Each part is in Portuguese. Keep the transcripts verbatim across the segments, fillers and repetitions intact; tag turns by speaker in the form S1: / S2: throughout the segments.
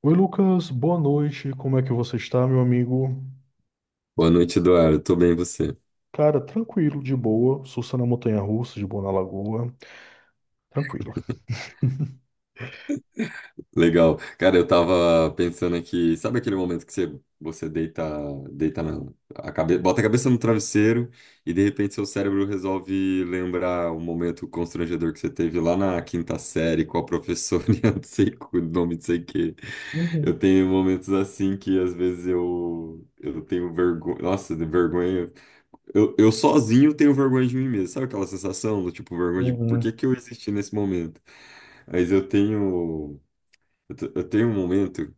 S1: Oi, Lucas, boa noite. Como é que você está, meu amigo?
S2: Boa noite, Eduardo. Tô bem, e você?
S1: Cara, tranquilo, de boa. Sussa na montanha-russa, de boa na lagoa. Tranquilo.
S2: Legal. Cara, eu tava pensando aqui, sabe aquele momento que você, você deita, deita na, a cabe, bota a cabeça no travesseiro e de repente seu cérebro resolve lembrar um momento constrangedor que você teve lá na quinta série com a professora, e eu não sei o nome, não sei o quê. Eu
S1: Uhum.
S2: tenho momentos assim que às vezes eu, eu tenho vergonha, nossa, de vergonha. Eu, eu sozinho tenho vergonha de mim mesmo. Sabe aquela sensação do tipo vergonha de por que
S1: Uhum.
S2: que eu existi nesse momento? Mas eu tenho. Eu te- eu tenho um momento.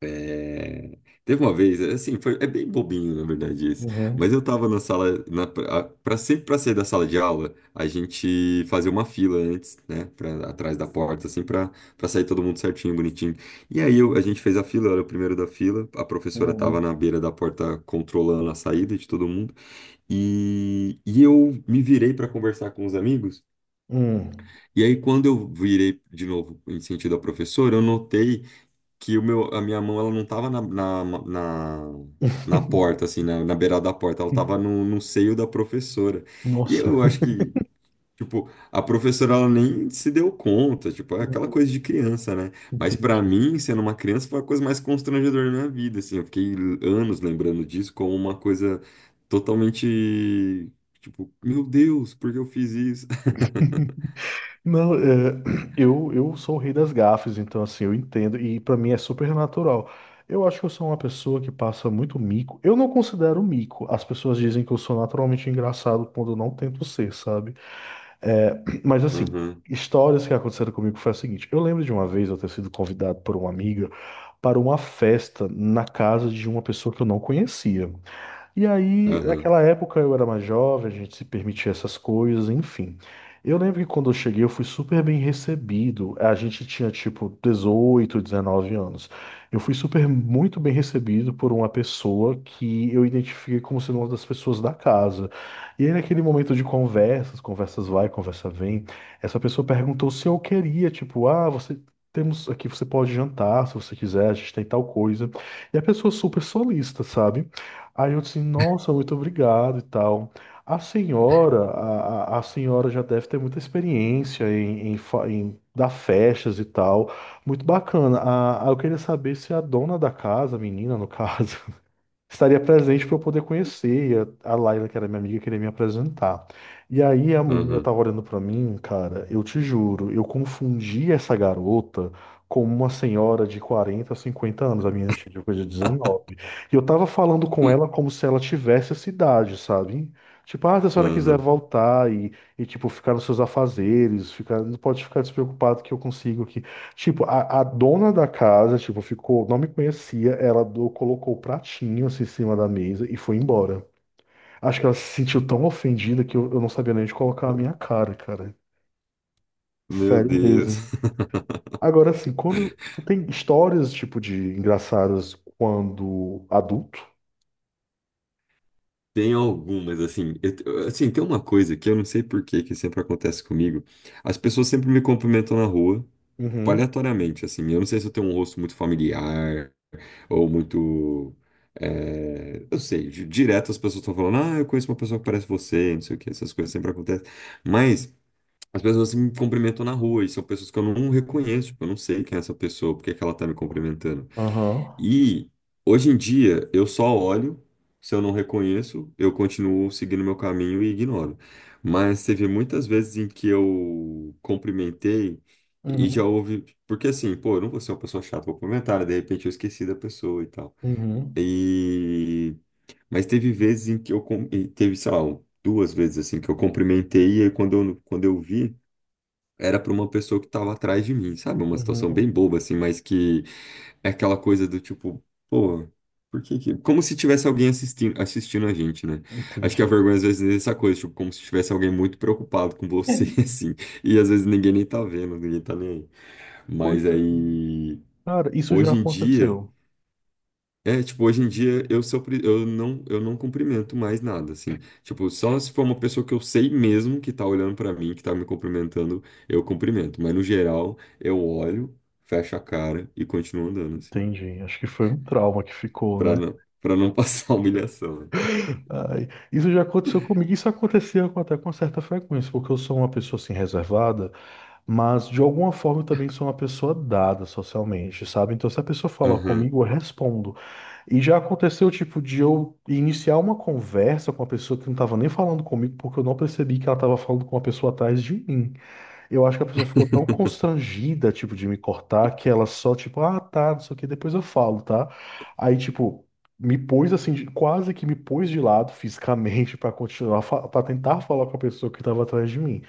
S2: é, Teve uma vez, assim, foi... é bem bobinho, na verdade, esse. Mas
S1: Uhum.
S2: eu tava na sala. Na... a- Pra... Sempre pra sair da sala de aula, a gente fazia uma fila antes, né? Pra... Atrás da porta, assim, pra... pra sair todo mundo certinho, bonitinho. E aí eu... a gente fez a fila, eu era o primeiro da fila. A professora tava
S1: Uhum.
S2: na beira da porta controlando a saída de todo mundo. E, e eu me virei pra conversar com os amigos.
S1: Hum.
S2: E aí, quando eu virei de novo em sentido ao professor, eu notei que o meu, a minha mão ela não estava na, na, na, na porta, assim, na, na beirada da porta, ela estava no, no seio da professora. E
S1: Nossa.
S2: eu acho que, tipo, a professora ela nem se deu conta, tipo, é aquela
S1: Uhum.
S2: coisa de criança, né? Mas para
S1: Entendi.
S2: mim, sendo uma criança, foi a coisa mais constrangedora da minha vida, assim. Eu fiquei anos lembrando disso como uma coisa totalmente, tipo, meu Deus, por que eu fiz isso?
S1: Não, é, eu, eu sou o rei das gafes, então assim, eu entendo e pra mim é super natural. Eu acho que eu sou uma pessoa que passa muito mico. Eu não considero mico. As pessoas dizem que eu sou naturalmente engraçado quando eu não tento ser, sabe? É, Mas assim,
S2: Aham,
S1: histórias que aconteceram comigo foi a seguinte. Eu lembro de uma vez eu ter sido convidado por uma amiga para uma festa na casa de uma pessoa que eu não conhecia. E aí,
S2: aham,
S1: naquela época eu era mais jovem, a gente se permitia essas coisas, enfim. Eu lembro que quando eu cheguei eu fui super bem recebido. A gente tinha tipo dezoito, dezenove anos. Eu fui super muito bem recebido por uma pessoa que eu identifiquei como sendo uma das pessoas da casa. E aí naquele momento de conversas, conversas vai, conversa vem, essa pessoa perguntou se eu queria, tipo, ah, você temos aqui, você pode jantar se você quiser, a gente tem tal coisa. E a pessoa super solista, sabe? Aí eu disse, nossa, muito obrigado e tal. A senhora, a, a a senhora já deve ter muita experiência em, em, fa- em dar festas e tal. Muito bacana. Ah, ah, eu queria saber se a dona da casa, a menina no caso, estaria presente para eu poder conhecer. E a a Laila, que era minha amiga, queria me apresentar. E aí a menina
S2: aham.
S1: tava olhando para mim, cara, eu te juro, eu confundi essa garota com uma senhora de quarenta, cinquenta anos, a minha tinha coisa de dezenove. E eu tava falando com ela como se ela tivesse essa idade, sabe? Tipo, ah, se a senhora quiser
S2: Aham.
S1: voltar e, e tipo, ficar nos seus afazeres, ficar, não pode ficar despreocupado que eu consigo. Tipo, a, a dona da casa, tipo, ficou, não me conhecia, ela do- colocou o pratinho assim em cima da mesa e foi embora. Acho que ela se sentiu tão ofendida que eu, eu não sabia nem onde colocar a minha cara, cara.
S2: Meu
S1: Sério mesmo.
S2: Deus.
S1: Agora, assim, quando tu tem histórias, tipo, de engraçadas quando adulto?
S2: Tem algumas, assim, eu te- assim, tem uma coisa que eu não sei por que que sempre acontece comigo. As pessoas sempre me cumprimentam na rua, tipo,
S1: Uhum.
S2: aleatoriamente, assim. Eu não sei se eu tenho um rosto muito familiar ou muito. É, eu sei, di- direto as pessoas estão falando, ah, eu conheço uma pessoa que parece você, não sei o que, essas coisas sempre acontecem. Mas as pessoas assim, me cumprimentam na rua e são pessoas que eu não reconheço, tipo, eu não sei quem é essa pessoa, por que que ela tá me cumprimentando.
S1: Aham.
S2: E hoje em dia eu só olho, se eu não reconheço, eu continuo seguindo meu caminho e ignoro. Mas teve muitas vezes em que eu cumprimentei e já
S1: Uhum.
S2: houve, porque assim, pô, eu não vou ser uma pessoa chata, vou cumprimentar, né? De repente eu esqueci da pessoa e tal.
S1: Uhum.
S2: E mas teve vezes em que eu cum- e teve, sei lá, duas vezes assim que eu cumprimentei e aí quando eu, quando eu vi era para uma pessoa que estava atrás de mim, sabe? Uma situação bem
S1: Uhum.
S2: boba assim, mas que é aquela coisa do tipo, pô, por que que... Como se tivesse alguém assistindo, assistindo a gente, né? Acho que a
S1: Entendi.
S2: vergonha às vezes é essa coisa, tipo, como se tivesse alguém muito preocupado com você, assim. E às vezes ninguém nem tá vendo, ninguém tá nem aí.
S1: Pois
S2: Mas
S1: é,
S2: aí,
S1: cara, isso já
S2: hoje em dia...
S1: aconteceu.
S2: É, tipo, hoje em dia eu sou, pri- eu não, eu não cumprimento mais nada, assim. Tipo, só se for uma pessoa que eu sei mesmo que tá olhando pra mim, que tá me cumprimentando, eu cumprimento. Mas no geral, eu olho, fecho a cara e continuo andando, assim.
S1: Entendi. Acho que foi um trauma que ficou,
S2: para
S1: né?
S2: não, para não passar humilhação, né?
S1: Ai, isso já aconteceu comigo, isso acontecia com- até com certa frequência, porque eu sou uma pessoa assim reservada, mas de alguma forma eu também sou uma pessoa dada socialmente, sabe? Então se a pessoa falar
S2: Aham,
S1: comigo, eu respondo. E já aconteceu tipo de eu iniciar uma conversa com uma pessoa que não estava nem falando comigo, porque eu não percebi que ela estava falando com uma pessoa atrás de mim. Eu acho que a pessoa ficou tão constrangida, tipo, de me cortar, que ela só, tipo, ah, tá, não sei o que, depois eu falo, tá? Aí, tipo, me pôs assim, de- quase que me pôs de lado fisicamente pra continuar, fa- pra tentar falar com a pessoa que tava atrás de mim.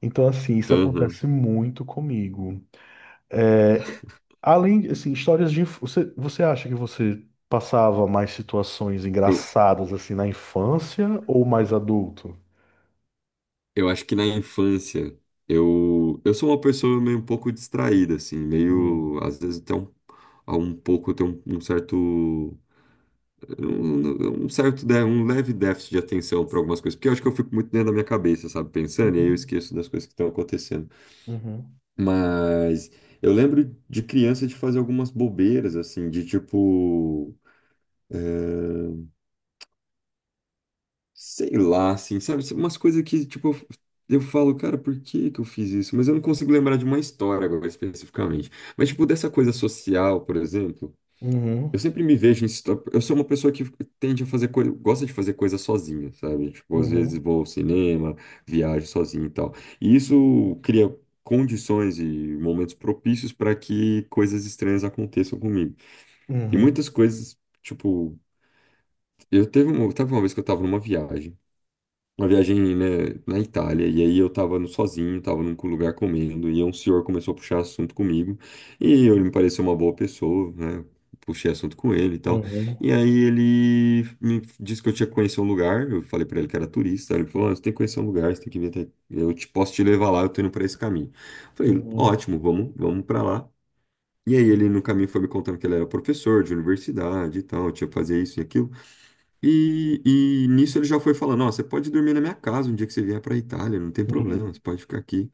S1: Então, assim, isso
S2: aham.
S1: acontece muito comigo. É, além, assim, histórias de. inf- Você, você acha que você passava mais situações
S2: Eu,
S1: engraçadas, assim, na infância ou mais adulto?
S2: eu acho que na infância eu, eu sou uma pessoa meio um pouco distraída, assim,
S1: Hum.
S2: meio, às vezes até um, a um pouco, eu tenho um, um certo, um, um certo, dé- um leve déficit de atenção para algumas coisas, porque eu acho que eu fico muito dentro da minha cabeça, sabe, pensando, e aí eu
S1: Uhum.
S2: esqueço das coisas que estão acontecendo.
S1: Uhum.
S2: Mas eu lembro de criança de fazer algumas bobeiras, assim, de tipo. eh, Sei lá, assim, sabe? Umas coisas que, tipo, eu eu falo, cara, por que que eu fiz isso? Mas eu não consigo lembrar de uma história agora, especificamente. Mas, tipo, dessa coisa social, por exemplo,
S1: Uhum.
S2: eu sempre me vejo em... situa- Eu sou uma pessoa que tende a fazer coisa... Gosta de fazer coisa sozinha, sabe? Tipo, às vezes
S1: Uhum.
S2: vou ao cinema, viajo sozinho e tal. E isso cria condições e momentos propícios para que coisas estranhas aconteçam comigo. E
S1: Uhum.
S2: muitas coisas, tipo... Eu teve uma, teve uma vez que eu tava numa viagem, uma viagem, né, na Itália, e aí eu tava no- sozinho, tava num lugar comendo, e um senhor começou a puxar assunto comigo, e ele me pareceu uma boa pessoa, né, puxei assunto com ele e tal,
S1: Uhum.
S2: e aí ele me disse que eu tinha que conhecer um lugar, eu falei pra ele que era turista, ele falou, ah, você tem que conhecer um lugar, você tem que vir até, eu te, posso te levar lá, eu tô indo pra esse caminho. Eu falei,
S1: Uhum.
S2: ótimo, vamos, vamos pra lá. E aí ele no caminho foi me contando que ele era professor de universidade e tal, tinha que fazer isso e aquilo. E, e nisso ele já foi falando, ó, você pode dormir na minha casa um dia que você vier para Itália, não tem problema, você
S1: Uhum.
S2: pode ficar aqui.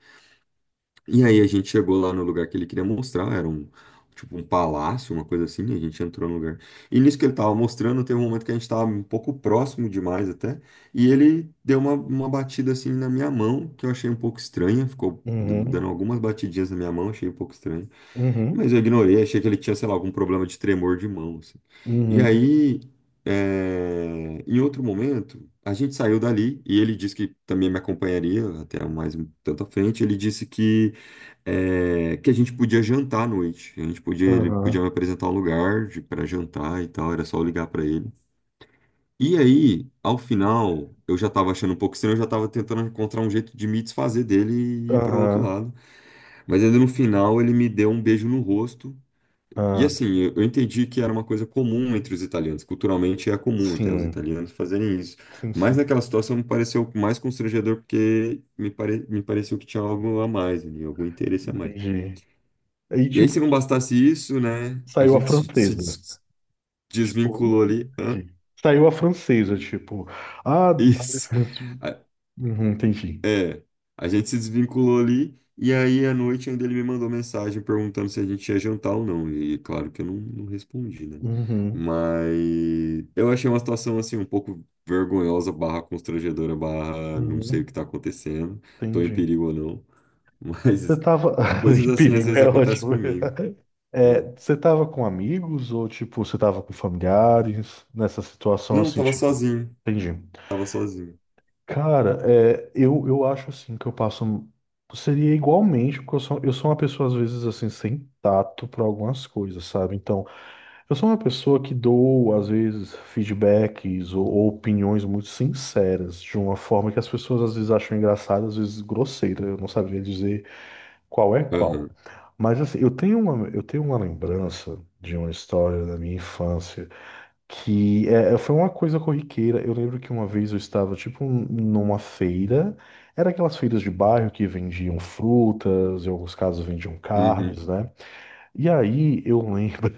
S2: E aí a gente chegou lá no lugar que ele queria mostrar, era um tipo um palácio, uma coisa assim, a gente entrou no lugar. E nisso que ele tava mostrando, teve um momento que a gente tava um pouco próximo demais até, e ele deu uma, uma batida assim na minha mão, que eu achei um pouco estranha, ficou d- dando
S1: Uhum.
S2: algumas batidinhas na minha mão, achei um pouco estranho. Mas
S1: Uhum.
S2: eu ignorei, achei que ele tinha, sei lá, algum problema de tremor de mão, assim. E
S1: Uhum.
S2: aí, eh, em outro momento, a gente saiu dali e ele disse que também me acompanharia até mais um tanto à frente. Ele disse que, eh, que a gente podia jantar à noite. A gente podia, ele
S1: Aham.
S2: podia me apresentar um lugar para jantar e tal, era só eu ligar para ele. E aí, ao final, eu já estava achando um pouco estranho, eu já estava tentando encontrar um jeito de me desfazer dele e ir para outro
S1: Aham.
S2: lado. Mas ainda no final, ele me deu um beijo no rosto e
S1: Ah.
S2: assim, eu eu entendi que era uma coisa comum entre os italianos, culturalmente é comum até os
S1: Sim.
S2: italianos fazerem isso.
S1: Sim.
S2: Mas
S1: Sim.
S2: naquela situação me pareceu mais constrangedor porque me, pare... me pareceu que tinha algo a mais ali, algum interesse a mais.
S1: Entendi. Aí,
S2: E aí, se
S1: tipo,
S2: não
S1: tu sa-
S2: bastasse isso, né, a
S1: saiu a
S2: gente se se
S1: francesa,
S2: des-
S1: tipo,
S2: desvinculou
S1: hum,
S2: ali. Hã?
S1: entendi. Saiu a francesa, tipo, ah, dá.
S2: Isso.
S1: Uhum. Entendi.
S2: É, a gente se desvinculou ali e aí à noite ainda ele me mandou mensagem perguntando se a gente ia jantar ou não. E claro que eu não, não respondi, né?
S1: Uhum.
S2: Mas eu achei uma situação assim um pouco vergonhosa, barra constrangedora, barra não sei
S1: Uhum.
S2: o que tá acontecendo, tô em
S1: Entendi.
S2: perigo ou não.
S1: Você
S2: Mas
S1: tava,
S2: coisas
S1: em
S2: assim às
S1: perigo,
S2: vezes
S1: é
S2: acontecem
S1: ótimo.
S2: comigo, né?
S1: É, você tava com amigos ou, tipo, você tava com familiares nessa situação,
S2: Não,
S1: assim,
S2: tava
S1: tipo,
S2: sozinho,
S1: entendi.
S2: tava sozinho.
S1: Cara, é, eu, eu acho assim que eu passo. Seria igualmente, porque eu sou, eu sou uma pessoa, às vezes, assim, sem tato para algumas coisas, sabe? Então, eu sou uma pessoa que dou, às vezes, feedbacks ou, ou opiniões muito sinceras, de uma forma que as pessoas às vezes acham engraçada, às vezes grosseira. Eu não sabia dizer qual é qual.
S2: Aham,
S1: Mas assim, eu tenho uma, eu tenho uma lembrança de uma história da minha infância. Que é, é, foi uma coisa corriqueira. Eu lembro que uma vez eu estava, tipo, numa feira. Era aquelas feiras de bairro que vendiam frutas, em alguns casos vendiam
S2: uhum,
S1: carnes, né? E aí eu lembro,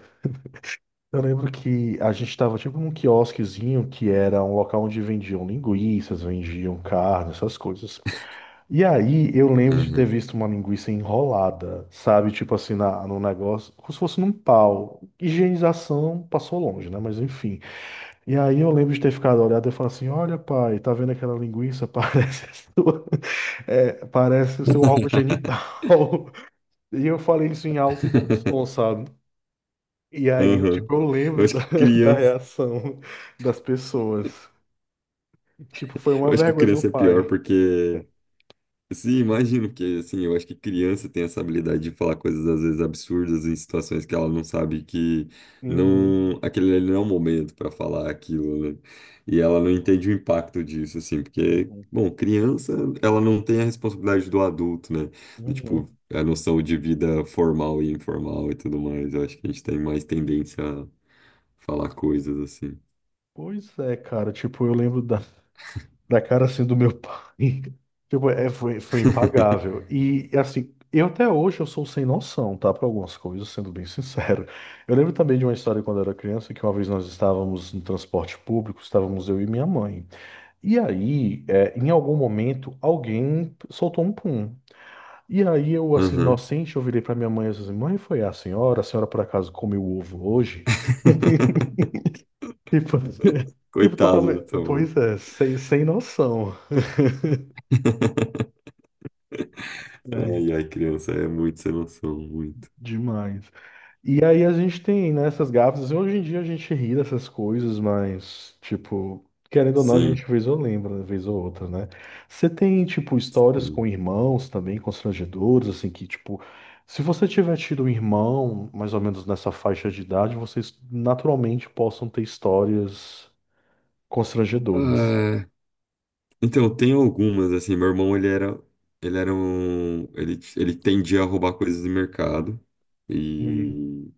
S1: eu lembro que a gente estava, tipo, num quiosquezinho que era um local onde vendiam linguiças, vendiam carne, essas coisas. E aí eu lembro de ter
S2: aham,
S1: visto uma linguiça enrolada, sabe? Tipo assim, na, no negócio, como se fosse num pau. Higienização passou longe, né? Mas enfim. E aí eu lembro de ter ficado olhado e falar assim, olha, pai, tá vendo aquela linguiça? Parece a sua, é, parece o seu órgão genital. E eu falei isso em alto e bom som, sabe? E aí eu,
S2: aham.
S1: tipo, eu
S2: Eu
S1: lembro
S2: acho
S1: da,
S2: que
S1: da
S2: criança,
S1: reação das pessoas. Tipo, foi uma
S2: eu acho que
S1: vergonha, meu
S2: criança é pior
S1: pai.
S2: porque... Sim, imagino. Porque assim, eu acho que criança tem essa habilidade de falar coisas às vezes absurdas em situações que ela não sabe que... não,
S1: Uhum.
S2: aquele ali não é o momento para falar aquilo, né? E ela não entende o impacto disso, assim, porque,
S1: Uhum.
S2: bom, criança, ela não tem a responsabilidade do adulto, né? Do,
S1: Uhum.
S2: tipo, a noção de vida formal e informal e tudo mais. Eu acho que a gente tem mais tendência a falar coisas assim.
S1: Pois é, cara, tipo, eu lembro da, da cara assim do meu pai. Tipo, é, foi, foi impagável. E assim, eu até hoje eu sou sem noção, tá? Para algumas coisas, sendo bem sincero. Eu lembro também de uma história quando eu era criança, que uma vez nós estávamos no transporte público, estávamos eu e minha mãe. E aí, é, em algum momento, alguém soltou um pum. E aí eu, assim,
S2: Aham.
S1: inocente, eu virei pra minha mãe e disse assim, mãe, foi a senhora? A senhora por acaso comeu ovo hoje? Tipo, tipo,
S2: Coitado,
S1: totalmente.
S2: tá bom.
S1: Pois é, sem, sem noção, né?
S2: Ai, ai, criança, é muito sem noção, muito.
S1: Demais. E aí a gente tem, né, essas gafas, assim. Hoje em dia a gente ri dessas coisas, mas, tipo, querendo ou não, a
S2: Sim.
S1: gente vez ou lembra, né, vez ou outra, né? Você tem, tipo, histórias com
S2: Hum.
S1: irmãos também, constrangedoras, assim, que, tipo, se você tiver tido um irmão, mais ou menos nessa faixa de idade, vocês naturalmente possam ter histórias constrangedoras.
S2: Ah, então, tem algumas, assim, meu irmão, ele era, ele era um, ele, ele tendia a roubar coisas do mercado,
S1: Uhum.
S2: e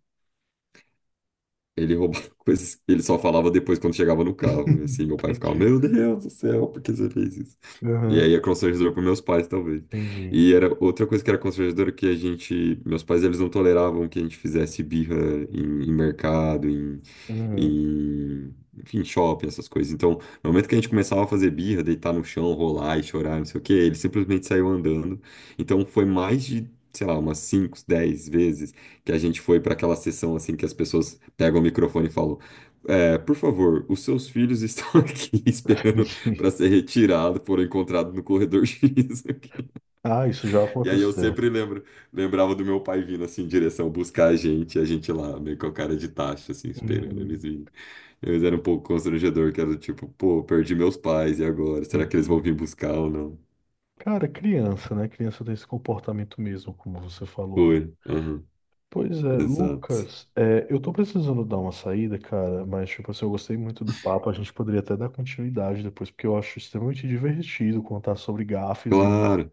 S2: ele roubava coisas. Ele só falava depois quando chegava no carro. E assim, meu pai ficava,
S1: Entendi.
S2: meu Deus do céu, por que você fez isso? E
S1: Uhum.
S2: aí é constrangedor para meus pais, talvez.
S1: Entendi.
S2: E era outra coisa que era constrangedora que a gente. Meus pais, eles não toleravam que a gente fizesse birra em, em mercado, em,
S1: Uhum.
S2: em. Enfim, shopping, essas coisas. Então, no momento que a gente começava a fazer birra, deitar no chão, rolar e chorar, não sei o quê, ele simplesmente saiu andando. Então, foi mais de, sei lá, umas cinco dez vezes que a gente foi para aquela sessão assim que as pessoas pegam o microfone e falam: "É, por favor, os seus filhos estão aqui esperando
S1: Entendi.
S2: para ser retirado, foram encontrados no corredor xis aqui."
S1: Ah, isso já
S2: E aí eu
S1: aconteceu.
S2: sempre lembro, lembrava do meu pai vindo assim em direção buscar a gente, e a gente lá meio com a cara de taxa assim esperando eles
S1: Uhum.
S2: virem. Eles eram um pouco constrangedor, que era do tipo, pô, perdi meus pais e agora, será que eles
S1: Entendi.
S2: vão vir buscar ou não?
S1: Cara, criança, né? Criança tem esse comportamento mesmo, como você falou.
S2: Foi. Aham,
S1: Pois é,
S2: exato.
S1: Lucas, é, eu tô precisando dar uma saída, cara, mas, tipo assim, eu gostei muito do papo. A gente poderia até dar continuidade depois, porque eu acho extremamente divertido contar sobre gafes e
S2: Claro,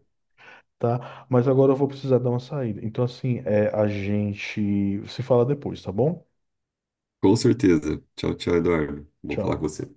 S1: tá. Mas agora eu vou precisar dar uma saída. Então, assim, é, a gente se fala depois, tá bom?
S2: com certeza. Tchau, tchau, Eduardo. Bom falar com
S1: Tchau.
S2: você.